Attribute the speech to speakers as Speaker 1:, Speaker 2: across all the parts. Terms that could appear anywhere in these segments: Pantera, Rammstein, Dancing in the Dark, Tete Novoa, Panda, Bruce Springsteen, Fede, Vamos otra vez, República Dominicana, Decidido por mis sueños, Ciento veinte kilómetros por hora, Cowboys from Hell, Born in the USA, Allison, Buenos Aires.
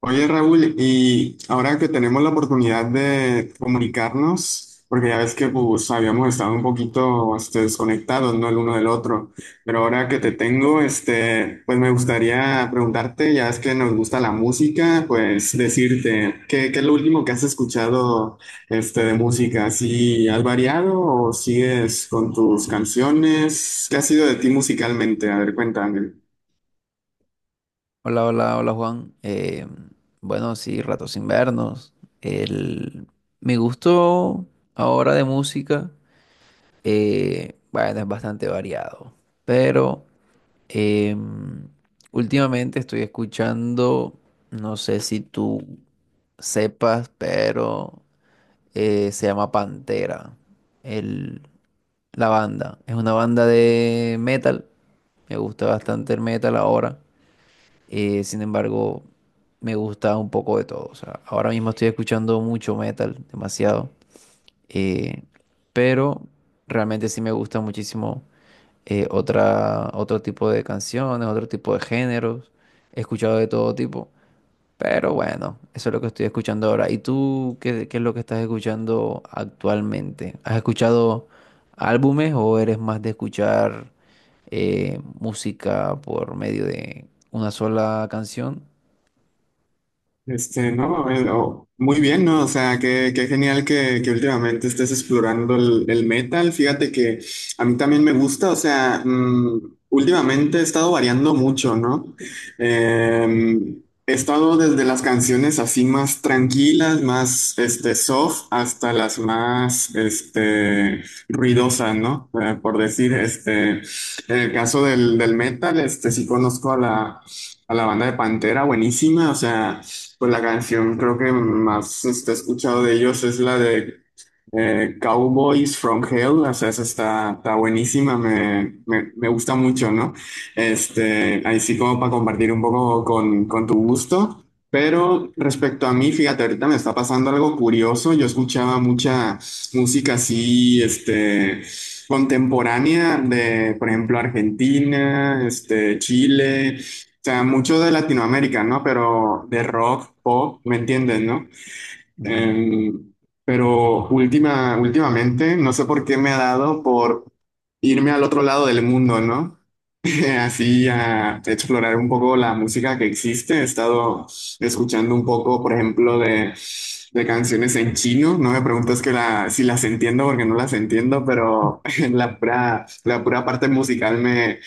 Speaker 1: Oye Raúl, y ahora que tenemos la oportunidad de comunicarnos, porque ya ves que pues, habíamos estado un poquito desconectados, ¿no? El uno del otro, pero ahora que te
Speaker 2: Sí.
Speaker 1: tengo, pues me gustaría preguntarte, ya ves que nos gusta la música, pues decirte, ¿qué es lo último que has escuchado de música? ¿Si has variado o sigues con tus canciones? ¿Qué ha sido de ti musicalmente? A ver, cuéntame.
Speaker 2: Hola, hola, hola Juan. Bueno, sí, rato sin vernos. El, Mi gusto ahora de música, bueno, es bastante variado, pero em, últimamente estoy escuchando, no sé si tú sepas, pero se llama Pantera, el, la banda. Es una banda de metal, me gusta bastante el metal ahora. Sin embargo, me gusta un poco de todo. O sea, ahora mismo estoy escuchando mucho metal, demasiado. eh, pero realmente sí me gusta muchísimo, otra, otro tipo de canciones, otro tipo de géneros. He escuchado de todo tipo. Pero bueno, eso es lo que estoy escuchando ahora. ¿Y tú qué, qué es lo que estás escuchando actualmente? ¿Has escuchado álbumes o eres más de escuchar música por medio de una sola canción?
Speaker 1: No, oh, muy bien, ¿no? O sea, qué genial que últimamente estés explorando el metal. Fíjate que a mí también me gusta, o sea, últimamente he estado variando mucho, ¿no? Eh, he estado desde las canciones así más tranquilas, más, soft, hasta las más, ruidosas, ¿no? Por decir, en el caso del metal, sí conozco a la banda de Pantera, buenísima, o sea. Pues la canción creo que más he escuchado de ellos es la de Cowboys from Hell, o sea, esa está buenísima, me gusta mucho, ¿no? Ahí sí como para compartir un poco con tu gusto, pero respecto a mí, fíjate, ahorita me está pasando algo curioso, yo escuchaba mucha música así, contemporánea de, por ejemplo, Argentina, Chile. O sea, mucho de Latinoamérica, ¿no? Pero de rock, pop, ¿me entiendes, no?
Speaker 2: Ujú.
Speaker 1: Eh, pero últimamente, no sé por qué me ha dado por irme al otro lado del mundo, ¿no? así a explorar un poco la música que existe. He estado escuchando un poco, por ejemplo, de canciones en chino. No me preguntes si las entiendo porque no las entiendo, pero la pura parte musical me,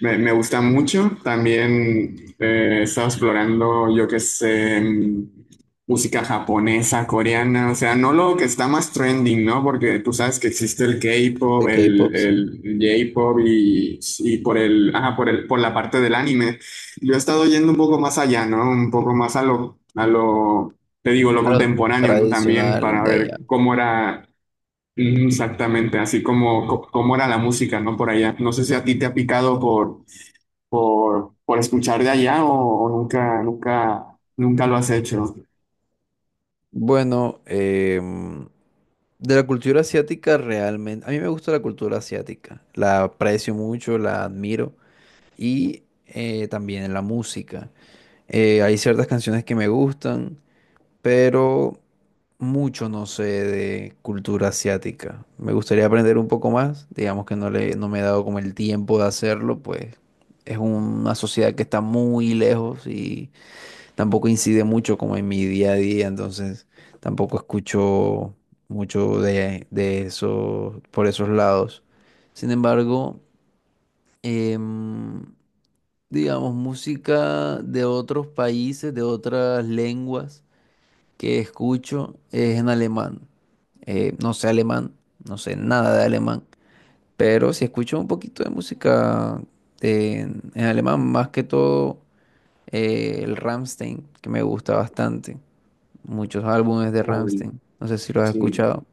Speaker 1: me, me gusta mucho. También he estado explorando, yo qué sé, música japonesa, coreana, o sea, no lo que está más trending, ¿no? Porque tú sabes que existe el K-pop,
Speaker 2: El
Speaker 1: el,
Speaker 2: K-pop, sí.
Speaker 1: el J-pop y por el, ajá, por la parte del anime. Yo he estado yendo un poco más allá, ¿no? Un poco más a lo, te digo, lo
Speaker 2: A lo
Speaker 1: contemporáneo, ¿no? También para
Speaker 2: tradicional de allá.
Speaker 1: ver cómo era, exactamente, así como, cómo era la música, ¿no? Por allá. No sé si a ti te ha picado por, por escuchar de allá o nunca, nunca, nunca lo has hecho.
Speaker 2: Bueno, de la cultura asiática realmente, a mí me gusta la cultura asiática, la aprecio mucho, la admiro y también la música. Hay ciertas canciones que me gustan, pero mucho no sé de cultura asiática. Me gustaría aprender un poco más, digamos que no le, no me he dado como el tiempo de hacerlo, pues es una sociedad que está muy lejos y tampoco incide mucho como en mi día a día, entonces tampoco escucho mucho de eso por esos lados. Sin embargo, em, digamos, música de otros países, de otras lenguas que escucho es en alemán. No sé alemán, no sé nada de alemán, pero sí escucho un poquito de música de en alemán, más que todo el Rammstein, que me gusta bastante, muchos álbumes de Rammstein. No sé si los has
Speaker 1: Sí.
Speaker 2: escuchado.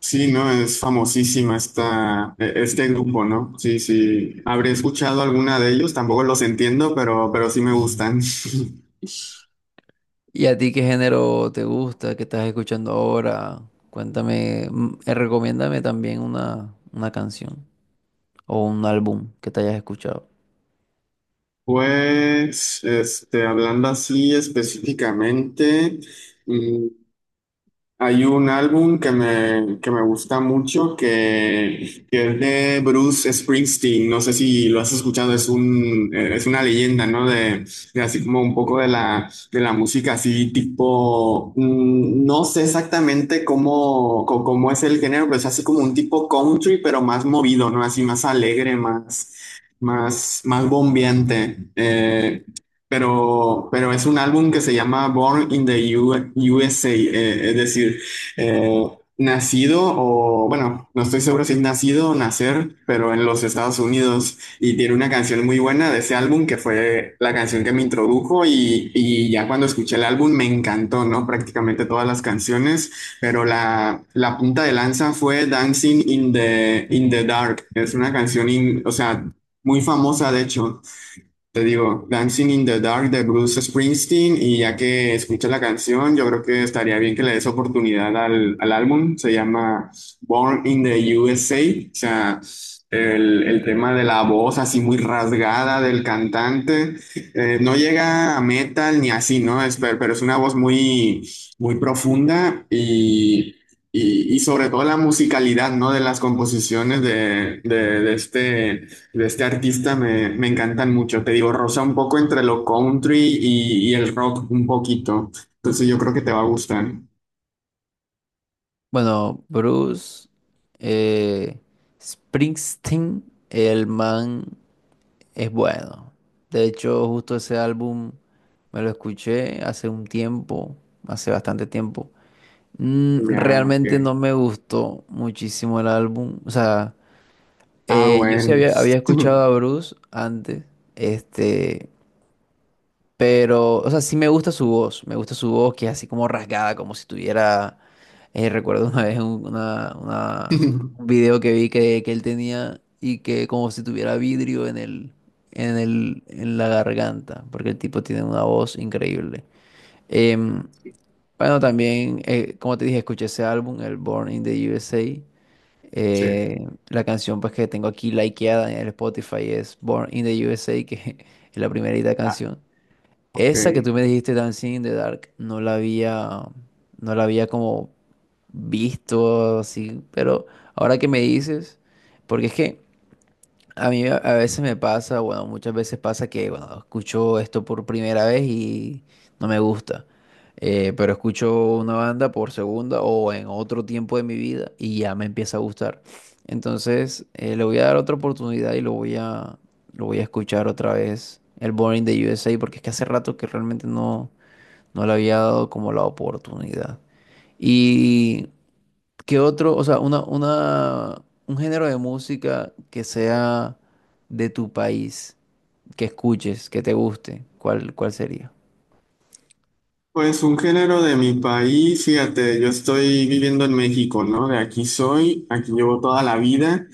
Speaker 1: Sí, ¿no? Es famosísima este grupo, ¿no? Sí, sí, habré escuchado alguna de ellos, tampoco los entiendo, pero sí me
Speaker 2: Ujú.
Speaker 1: gustan.
Speaker 2: ¿Y a ti qué género te gusta? ¿Qué estás escuchando ahora? Cuéntame, mm, recomiéndame también una canción o un álbum que te hayas escuchado.
Speaker 1: Pues, hablando así específicamente, mm, hay un álbum que me gusta mucho que es de Bruce Springsteen. No sé si lo has escuchado, es una leyenda, ¿no? De así como un poco de la música así tipo, no sé exactamente cómo, cómo es el género, pero es así como un tipo country, pero más movido, ¿no? Así más alegre, más bombeante. Pero es un álbum que se llama Born in the USA, es decir, eh, nacido o, bueno, no estoy seguro si es nacido o nacer, pero en los Estados Unidos. Y tiene una canción muy buena de ese álbum que fue la canción que me introdujo y ya cuando escuché el álbum me encantó, ¿no? Prácticamente todas las canciones, pero la punta de lanza fue Dancing in the Dark. Es una canción, o sea. Muy famosa, de hecho, te digo, Dancing in the Dark de Bruce Springsteen, y ya que escuchas la canción, yo creo que estaría bien que le des oportunidad al, al álbum. Se llama Born in the USA, o sea, el tema de la voz así muy rasgada del cantante. No llega a metal ni así, ¿no? Pero es una voz muy, muy profunda. Y, Y sobre todo la musicalidad, ¿no? De las composiciones de este artista me encantan mucho. Te digo, rosa un poco entre lo country y el rock un poquito. Entonces yo creo que te va a gustar.
Speaker 2: Bueno, Bruce, eh, Springsteen, el man es bueno. De hecho, justo ese álbum me lo escuché hace un tiempo, hace bastante tiempo. Mm,
Speaker 1: Ya, ok.
Speaker 2: realmente no me gustó muchísimo el álbum. O sea,
Speaker 1: Ah,
Speaker 2: yo sí
Speaker 1: bueno.
Speaker 2: había escuchado a Bruce antes, este, pero, o sea, sí me gusta su voz, me gusta su voz que es así como rasgada, como si tuviera, recuerdo una vez un, un video que vi que él tenía y que como si tuviera vidrio en el, en el, en la garganta, porque el tipo tiene una voz increíble. Em, bueno, también, como te dije, escuché ese álbum, el Born in the USA.
Speaker 1: Sí.
Speaker 2: La canción pues que tengo aquí likeada en el Spotify es Born in the USA, que es la primerita
Speaker 1: Ah,
Speaker 2: canción.
Speaker 1: ok.
Speaker 2: Esa que tú me dijiste, Dancing in the Dark, no la había, no la había como visto así, pero ahora que me dices, porque es que a mí a veces me pasa, bueno, muchas veces pasa que, bueno, escucho esto por primera vez y no me gusta. Pero escucho una banda por segunda o en otro tiempo de mi vida y ya me empieza a gustar. Entonces, le voy a dar otra oportunidad y lo voy a escuchar otra vez, el Born in the USA, porque es que hace rato que realmente no, no le había dado como la oportunidad. Y ¿qué otro, o sea, una, un género de música que sea de tu país, que escuches, que te guste? ¿Cuál, cuál sería?
Speaker 1: Pues un género de mi país, fíjate, yo estoy viviendo en México, ¿no? De aquí soy, aquí llevo toda la vida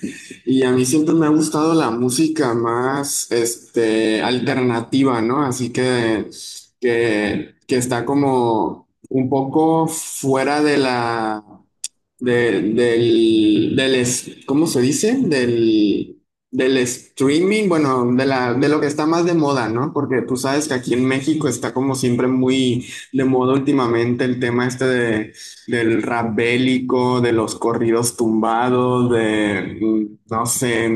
Speaker 1: y a mí siempre me ha gustado la música más, alternativa, ¿no? Así que está como un poco fuera de la de- del, del ¿cómo se dice? Del streaming, bueno, de lo que está más de moda, ¿no? Porque tú sabes que aquí en México está como siempre muy de moda últimamente el tema este del rap bélico, de los corridos tumbados, no sé,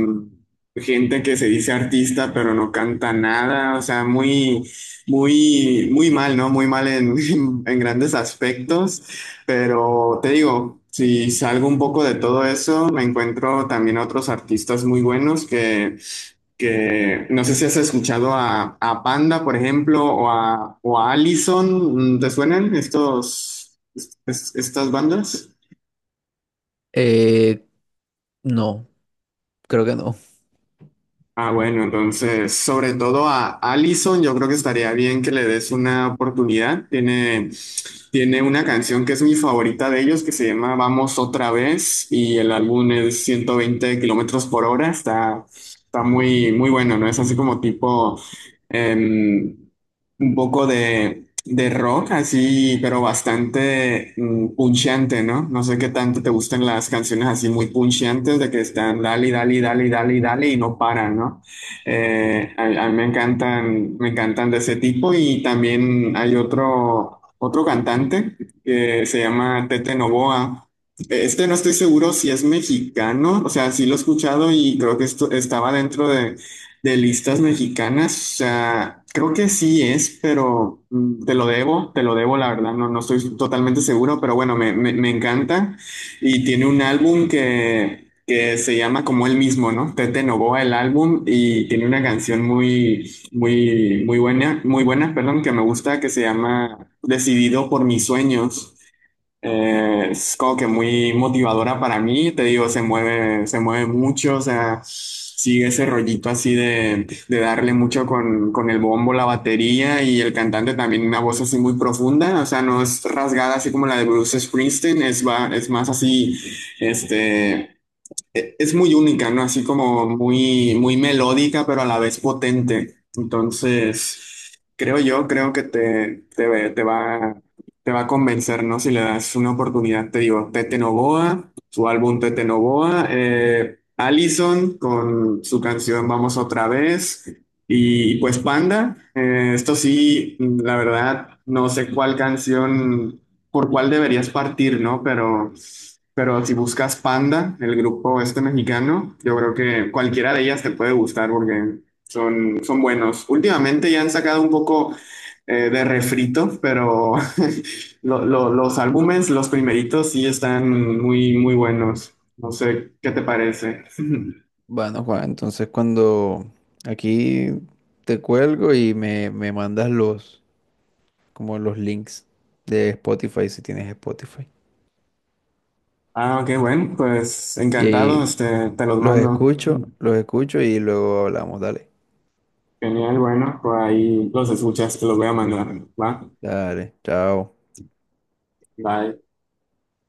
Speaker 1: gente que se dice artista pero no canta nada, o sea, muy, muy, muy mal, ¿no? Muy mal en en grandes aspectos. Pero te digo, si salgo un poco de todo eso, me encuentro también otros artistas muy buenos que no sé si has escuchado a Panda, por ejemplo, o a Allison. ¿Te suenan estas bandas?
Speaker 2: Eh, no. Creo que no.
Speaker 1: Ah, bueno, entonces, sobre todo a Allison, yo creo que estaría bien que le des una oportunidad. Tiene una canción que es mi favorita de ellos, que se llama Vamos otra vez, y el álbum es 120 kilómetros por hora. Está muy, muy bueno, ¿no? Es así como tipo, em, un poco de rock, así, pero bastante, puncheante, ¿no? No sé qué tanto te gustan las canciones así muy puncheantes, de que están dale, dale, dale, dale, dale y no paran, ¿no? A mí me encantan de ese tipo, y también hay otro, otro cantante que se llama Tete Novoa. No estoy seguro si es mexicano, o sea, sí lo he escuchado y creo que esto estaba dentro de listas mexicanas, o sea, creo que sí es, pero, te lo debo, la verdad, no estoy totalmente seguro, pero bueno, me encanta. Y tiene un álbum que se llama como él mismo, ¿no? Tete Novoa, el álbum, y tiene una canción muy, muy, muy buena, perdón, que me gusta, que se llama Decidido por mis sueños. Es como que muy motivadora para mí, te digo, se mueve mucho, o sea, sigue ese rollito así de darle mucho con el bombo, la batería, y el cantante también una voz así muy profunda, o sea, no es rasgada así como la de Bruce Springsteen, es más así, este es muy única, ¿no? Así como muy, muy melódica, pero a la vez potente. Entonces, creo yo, creo que te va a convencer, ¿no? Si le das una oportunidad, te digo, Tete Novoa, su álbum Tete Novoa, Allison con su canción Vamos otra vez, y pues Panda, esto sí, la verdad, no sé cuál canción, por cuál deberías partir, ¿no? Pero. Pero si buscas Panda, el grupo este mexicano, yo creo que cualquiera de ellas te puede gustar porque son buenos. Últimamente ya han sacado un poco, de refritos, pero los álbumes, los primeritos, sí están muy, muy buenos. No sé qué te parece.
Speaker 2: Bueno, Juan, entonces cuando aquí te cuelgo y me mandas los, como los links de Spotify, si tienes Spotify.
Speaker 1: Ah, ok, bueno, pues encantado,
Speaker 2: Y
Speaker 1: te los mando.
Speaker 2: los escucho y luego hablamos. Dale,
Speaker 1: Genial, bueno, pues ahí los escuchas, te los voy a mandar. Va,
Speaker 2: dale, chao.
Speaker 1: bye.